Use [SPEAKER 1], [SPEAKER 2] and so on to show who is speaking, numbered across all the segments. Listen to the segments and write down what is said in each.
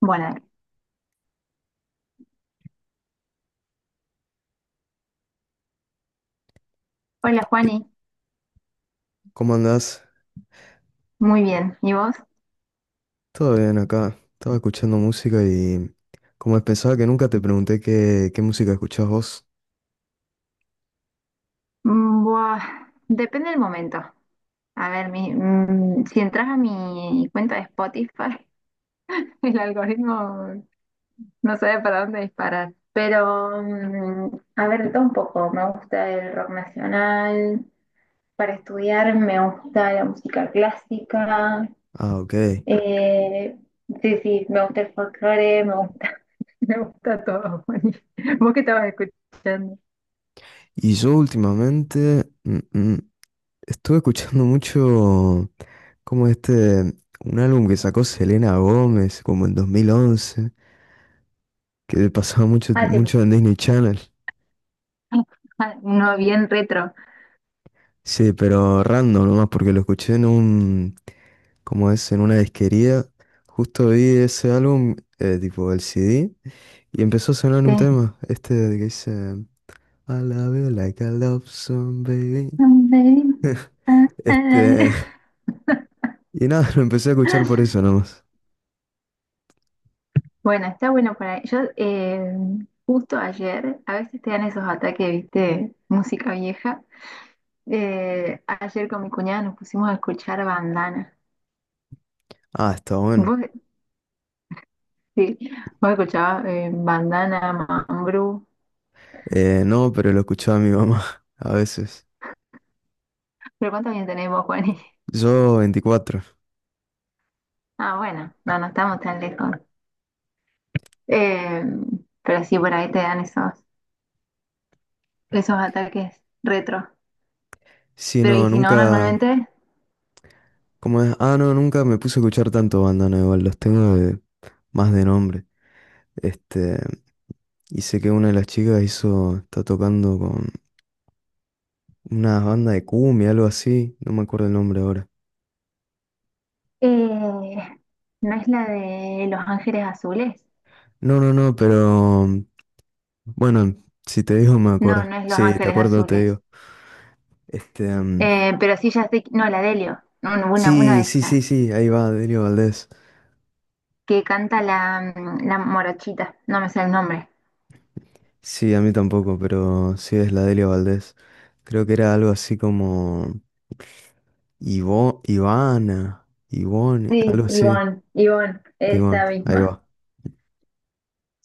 [SPEAKER 1] Bueno, hola
[SPEAKER 2] ¿Qué-
[SPEAKER 1] Juani,
[SPEAKER 2] ¿Cómo andás?
[SPEAKER 1] muy bien. ¿Y vos?
[SPEAKER 2] Todo bien acá. Estaba escuchando música y como pensaba que nunca te pregunté qué música escuchás vos.
[SPEAKER 1] Buah, depende del momento. A ver, si entras a mi cuenta de Spotify, el algoritmo no sabe para dónde disparar. Pero, a ver, de todo un poco. Me gusta el rock nacional, para estudiar me gusta la música clásica.
[SPEAKER 2] Ah, ok.
[SPEAKER 1] eh, sí, sí, me gusta el folclore, me gusta, me gusta todo, Juani. ¿Vos qué estabas escuchando?
[SPEAKER 2] Y yo últimamente mm, estuve escuchando mucho como este, un álbum que sacó Selena Gómez como en 2011, que pasaba mucho,
[SPEAKER 1] Ah, te.
[SPEAKER 2] mucho en Disney Channel.
[SPEAKER 1] Uno bien retro.
[SPEAKER 2] Sí, pero random nomás porque lo escuché como es, en una disquería. Justo vi ese álbum, tipo el CD. Y empezó a sonar un
[SPEAKER 1] Sí.
[SPEAKER 2] tema, este de que dice: "I love you like a love song, baby." Este, y nada, lo empecé a escuchar por eso nomás.
[SPEAKER 1] Bueno, está bueno para yo justo ayer, a veces te dan esos ataques, viste, música vieja. Ayer con mi cuñada nos pusimos a escuchar bandana.
[SPEAKER 2] Ah, está bueno.
[SPEAKER 1] Vos, sí, vos escuchabas bandana, Mambrú.
[SPEAKER 2] No, pero lo escuchaba mi mamá a veces.
[SPEAKER 1] Pero ¿cuántos años tenés vos, Juani?
[SPEAKER 2] Yo 24.
[SPEAKER 1] Ah, bueno, no, no estamos tan lejos. Eh, pero sí, por ahí te dan esos, esos ataques retro.
[SPEAKER 2] Sí,
[SPEAKER 1] Pero, ¿y
[SPEAKER 2] no,
[SPEAKER 1] si no,
[SPEAKER 2] nunca,
[SPEAKER 1] normalmente?
[SPEAKER 2] ¿cómo es? Ah, no, nunca me puse a escuchar tanto bandana igual, los tengo más de nombre. Este, y sé que una de las chicas hizo, está tocando con una banda de cumbia, algo así, no me acuerdo el nombre ahora.
[SPEAKER 1] Eh, no es la de Los Ángeles Azules.
[SPEAKER 2] No, no, no, pero bueno, si te digo me
[SPEAKER 1] No,
[SPEAKER 2] acuerdo.
[SPEAKER 1] no es Los
[SPEAKER 2] Sí, te
[SPEAKER 1] Ángeles
[SPEAKER 2] acuerdo, te
[SPEAKER 1] Azules.
[SPEAKER 2] digo. Este,
[SPEAKER 1] Pero sí ya sé, que- no, la de Helio. Un- una
[SPEAKER 2] sí,
[SPEAKER 1] de
[SPEAKER 2] sí, sí,
[SPEAKER 1] esas.
[SPEAKER 2] sí, ahí va, Delio Valdés.
[SPEAKER 1] Que canta la, la morochita. No me sé el nombre.
[SPEAKER 2] Sí, a mí tampoco, pero sí es la Delio Valdés. Creo que era algo así como Ivo, Ivana, Ivone,
[SPEAKER 1] Sí,
[SPEAKER 2] algo así.
[SPEAKER 1] Ivonne, Ivonne,
[SPEAKER 2] Y bueno,
[SPEAKER 1] esa
[SPEAKER 2] ahí
[SPEAKER 1] misma.
[SPEAKER 2] va.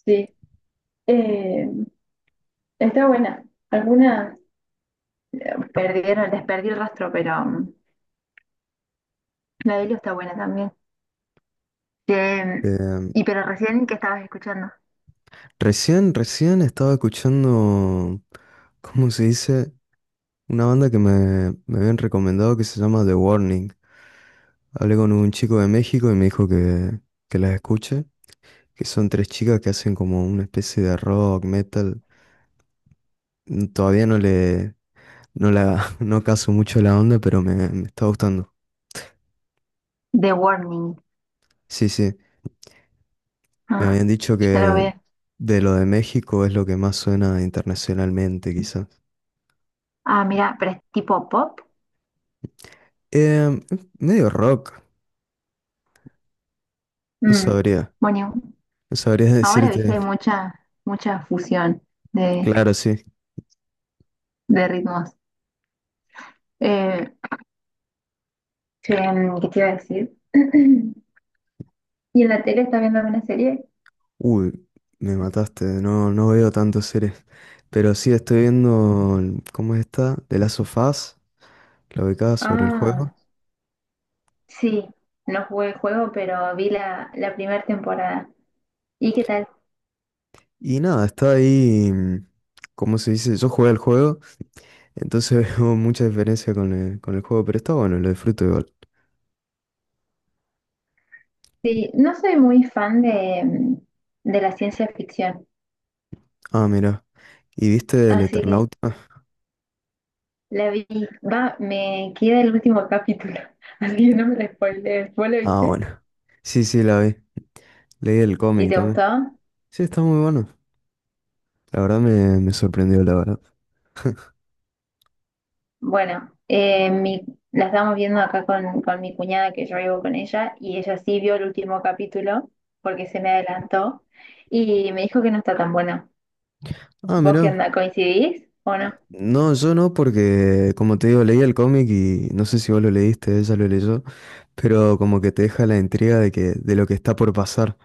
[SPEAKER 1] Sí. Eh, Está buena. Alguna perdieron, les perdí el rastro, pero la de Helio está buena también. Eh,
[SPEAKER 2] Eh,
[SPEAKER 1] y pero recién qué estabas escuchando.
[SPEAKER 2] recién estaba escuchando, ¿cómo se dice? Una banda que me habían recomendado que se llama The Warning. Hablé con un chico de México y me dijo que las escuche, que son tres chicas que hacen como una especie de rock, metal. Todavía no le, no la, no caso mucho la onda, pero me está gustando.
[SPEAKER 1] The Warning.
[SPEAKER 2] Sí, sí, me
[SPEAKER 1] Ah,
[SPEAKER 2] habían dicho
[SPEAKER 1] ya lo
[SPEAKER 2] que
[SPEAKER 1] veo.
[SPEAKER 2] de lo de México es lo que más suena internacionalmente, quizás.
[SPEAKER 1] Ah, mira, pero es tipo pop.
[SPEAKER 2] Em, medio rock, no
[SPEAKER 1] Mm.
[SPEAKER 2] sabría,
[SPEAKER 1] Bueno,
[SPEAKER 2] no sabría
[SPEAKER 1] ahora viste hay
[SPEAKER 2] decirte.
[SPEAKER 1] mucha, mucha fusión de,
[SPEAKER 2] Claro, sí.
[SPEAKER 1] de ritmos. Eh, Che, ¿qué te iba a decir? ¿Y en la tele estás viendo alguna serie?
[SPEAKER 2] Uy, me mataste, no veo tantas series. Pero sí estoy viendo, ¿cómo está De las sofás la ubicada sobre el juego?
[SPEAKER 1] Ah, sí, no jugué el juego, pero vi la, la primera temporada. ¿Y qué tal?
[SPEAKER 2] Y nada, está ahí, ¿cómo se dice? Yo jugué al juego. Entonces veo mucha diferencia con el juego, pero está bueno, lo disfruto igual.
[SPEAKER 1] Sí, no soy muy fan de, de la ciencia ficción,
[SPEAKER 2] Ah, mira. ¿Y viste el
[SPEAKER 1] así que
[SPEAKER 2] Eternauta? Ah,
[SPEAKER 1] la vi. Va, me queda el último capítulo, así que no me la spoilees. ¿Vos lo
[SPEAKER 2] ah,
[SPEAKER 1] viste?
[SPEAKER 2] bueno. Sí, sí, la vi. Leí el
[SPEAKER 1] ¿Y
[SPEAKER 2] cómic
[SPEAKER 1] te
[SPEAKER 2] también.
[SPEAKER 1] gustó?
[SPEAKER 2] Sí, está muy bueno. La verdad me sorprendió, la verdad.
[SPEAKER 1] Bueno, la estamos viendo acá con mi cuñada que yo vivo con ella y ella sí vio el último capítulo porque se me adelantó y me dijo que no está tan buena.
[SPEAKER 2] Ah,
[SPEAKER 1] ¿Vos qué
[SPEAKER 2] mira.
[SPEAKER 1] onda? ¿Coincidís o no?
[SPEAKER 2] No, yo no, porque como te digo, leí el cómic y no sé si vos lo leíste, ella lo leyó, pero como que te deja la intriga de lo que está por pasar,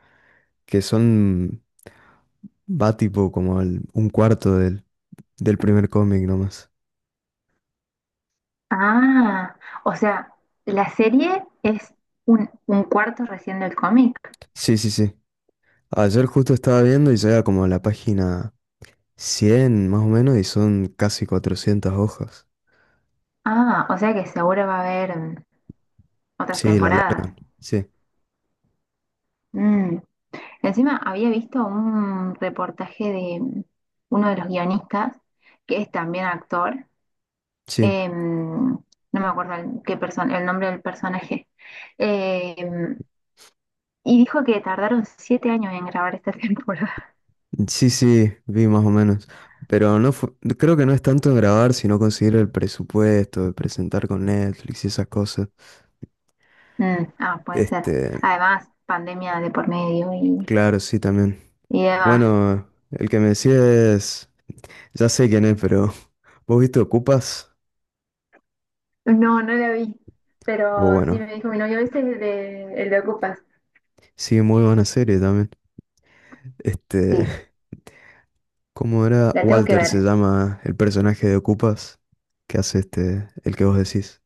[SPEAKER 2] que son, va tipo como un cuarto del primer cómic nomás.
[SPEAKER 1] Ah, o sea, la serie es un cuarto recién del cómic.
[SPEAKER 2] Sí, sí, sí. Ayer justo estaba viendo y llega como a la página 100 más o menos y son casi 400 hojas.
[SPEAKER 1] Ah, o sea que seguro va a haber otras
[SPEAKER 2] Sí, la larga.
[SPEAKER 1] temporadas.
[SPEAKER 2] Sí,
[SPEAKER 1] Mm. Encima había visto un reportaje de uno de los guionistas, que es también actor,
[SPEAKER 2] sí.
[SPEAKER 1] no me acuerdo el, qué persona, el nombre del personaje, em, y dijo que tardaron 7 años en grabar esta temporada.
[SPEAKER 2] Sí, sí, vi más o menos. Pero creo que no es tanto en grabar, sino conseguir el presupuesto, de presentar con Netflix y esas cosas.
[SPEAKER 1] Ah, puede ser.
[SPEAKER 2] Este,
[SPEAKER 1] Además, pandemia de por medio
[SPEAKER 2] claro, sí, también.
[SPEAKER 1] y demás.
[SPEAKER 2] Bueno, el que me decía es, ya sé quién es, pero ¿vos viste Ocupas?
[SPEAKER 1] No, no la vi,
[SPEAKER 2] O
[SPEAKER 1] pero sí
[SPEAKER 2] bueno,
[SPEAKER 1] me dijo mi novio, ¿viste el de Ocupas?
[SPEAKER 2] sí, muy buena serie también. Este,
[SPEAKER 1] Sí,
[SPEAKER 2] ¿cómo era?
[SPEAKER 1] la tengo que
[SPEAKER 2] Walter se
[SPEAKER 1] ver.
[SPEAKER 2] llama el personaje de Ocupas, que hace este, el que vos decís.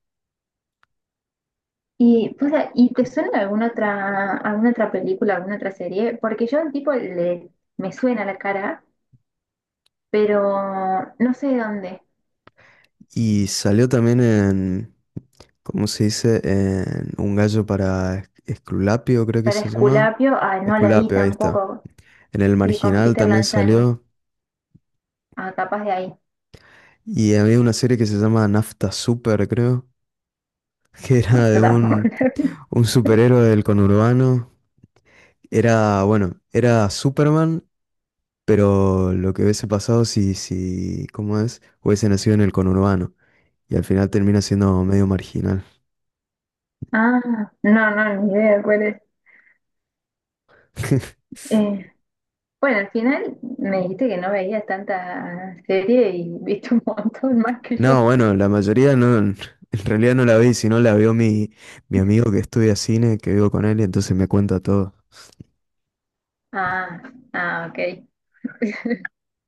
[SPEAKER 1] Y, pues, ¿y te suena alguna otra película, alguna otra serie? Porque yo al tipo le, me suena la cara, pero no sé de dónde.
[SPEAKER 2] Y salió también en, ¿cómo se dice? En Un gallo para Esculapio, creo que
[SPEAKER 1] Para
[SPEAKER 2] se llama.
[SPEAKER 1] Esculapio, ah, no la vi
[SPEAKER 2] Esculapio, ahí está.
[SPEAKER 1] tampoco.
[SPEAKER 2] En El
[SPEAKER 1] Sí, con
[SPEAKER 2] Marginal
[SPEAKER 1] Peter
[SPEAKER 2] también
[SPEAKER 1] Lanzani.
[SPEAKER 2] salió.
[SPEAKER 1] Ah, capaz de ahí.
[SPEAKER 2] Y había una serie que se llama Nafta Super, creo, que
[SPEAKER 1] No,
[SPEAKER 2] era
[SPEAKER 1] yo
[SPEAKER 2] de
[SPEAKER 1] tampoco
[SPEAKER 2] un,
[SPEAKER 1] la vi.
[SPEAKER 2] un superhéroe del conurbano. Era, bueno, era Superman, pero lo que hubiese pasado si, ¿cómo es? Hubiese nacido en el conurbano. Y al final termina siendo medio marginal.
[SPEAKER 1] Ah, no, no, ni idea cuál es. Eh, bueno, al final me dijiste que no veías tanta serie y viste un montón más que
[SPEAKER 2] No,
[SPEAKER 1] yo.
[SPEAKER 2] bueno, la mayoría no, en realidad no la vi, sino la vio mi amigo que estudia cine, que vivo con él, y entonces me cuenta todo.
[SPEAKER 1] Ah, ah, ok.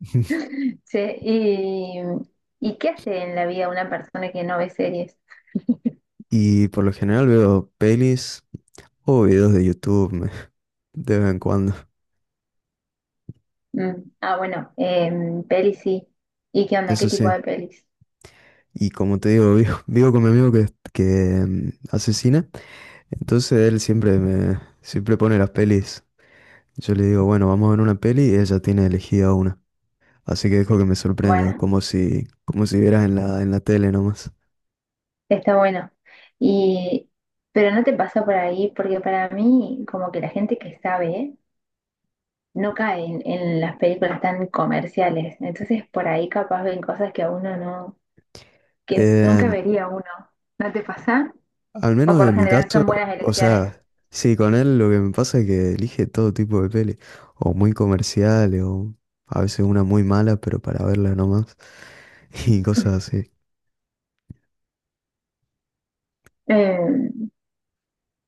[SPEAKER 1] Sí, ¿y qué hace en la vida una persona que no ve series?
[SPEAKER 2] Y por lo general veo pelis o videos de YouTube de vez en cuando,
[SPEAKER 1] Mm, ah, bueno, pelis sí. ¿Y qué onda? ¿Qué
[SPEAKER 2] eso
[SPEAKER 1] tipo
[SPEAKER 2] sí.
[SPEAKER 1] de pelis?
[SPEAKER 2] Y como te digo, vivo, vivo con mi amigo que hace cine, entonces él siempre me siempre pone las pelis. Yo le digo, bueno, vamos a ver una peli y ella tiene elegida una. Así que dejo que me sorprenda,
[SPEAKER 1] Bueno.
[SPEAKER 2] como si vieras en la tele nomás.
[SPEAKER 1] Está bueno. Y, pero no te pasa por ahí, porque para mí, como que la gente que sabe, no cae en las películas tan comerciales. Entonces, por ahí capaz ven cosas que a uno no, que nunca
[SPEAKER 2] Em,
[SPEAKER 1] vería uno. ¿No te pasa?
[SPEAKER 2] al
[SPEAKER 1] O
[SPEAKER 2] menos
[SPEAKER 1] por lo
[SPEAKER 2] en mi
[SPEAKER 1] general
[SPEAKER 2] caso,
[SPEAKER 1] son buenas
[SPEAKER 2] o
[SPEAKER 1] elecciones.
[SPEAKER 2] sea, sí, con él lo que me pasa es que elige todo tipo de peli, o muy comerciales, o a veces una muy mala, pero para verla nomás, y cosas así.
[SPEAKER 1] Eh,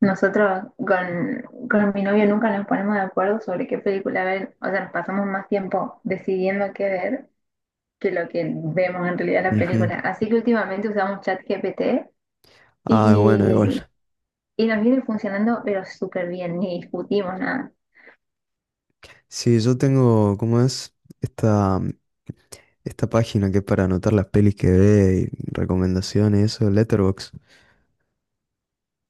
[SPEAKER 1] Nosotros con mi novio nunca nos ponemos de acuerdo sobre qué película ver. O sea, nos pasamos más tiempo decidiendo qué ver que lo que vemos en realidad en la
[SPEAKER 2] Ujú.
[SPEAKER 1] película. Así que últimamente usamos ChatGPT.
[SPEAKER 2] Ah, bueno, igual.
[SPEAKER 1] Y, y nos viene funcionando, pero súper bien, ni discutimos nada.
[SPEAKER 2] Sí, yo tengo, ¿cómo es? Esta, esta página que es para anotar las pelis que ve y recomendaciones, eso, Letterboxd.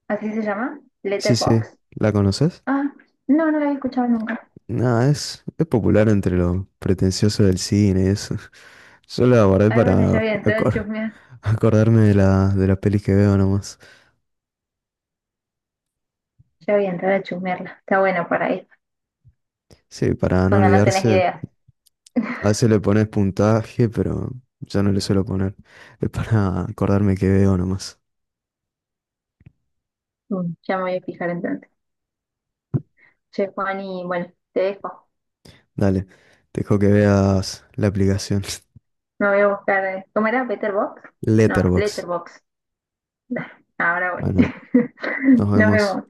[SPEAKER 1] ¿Así se llama?
[SPEAKER 2] Sí, sí,
[SPEAKER 1] ¿Letterbox?
[SPEAKER 2] ¿la conoces?
[SPEAKER 1] Ah, no, no la había escuchado nunca.
[SPEAKER 2] No, es popular entre los pretenciosos del cine, eso. Yo la guardé
[SPEAKER 1] Ay, bueno, ya
[SPEAKER 2] para
[SPEAKER 1] voy a entrar a chusmear.
[SPEAKER 2] acordarme de las pelis que veo nomás.
[SPEAKER 1] Ya voy a entrar a chusmearla. Está bueno para ir,
[SPEAKER 2] Sí, para no
[SPEAKER 1] cuando no tenés
[SPEAKER 2] olvidarse.
[SPEAKER 1] ideas.
[SPEAKER 2] A veces le pones puntaje, pero yo no le suelo poner. Es para acordarme que veo nomás.
[SPEAKER 1] Mm, ya me voy a fijar entonces. Che, Juan, y bueno, te dejo.
[SPEAKER 2] Dale, te dejo que veas la aplicación.
[SPEAKER 1] Me voy a buscar. ¿Cómo era? ¿Letterbox? No,
[SPEAKER 2] Letterbox.
[SPEAKER 1] Letterbox. Ahora voy.
[SPEAKER 2] Bueno, nos
[SPEAKER 1] Nos
[SPEAKER 2] vemos.
[SPEAKER 1] vemos.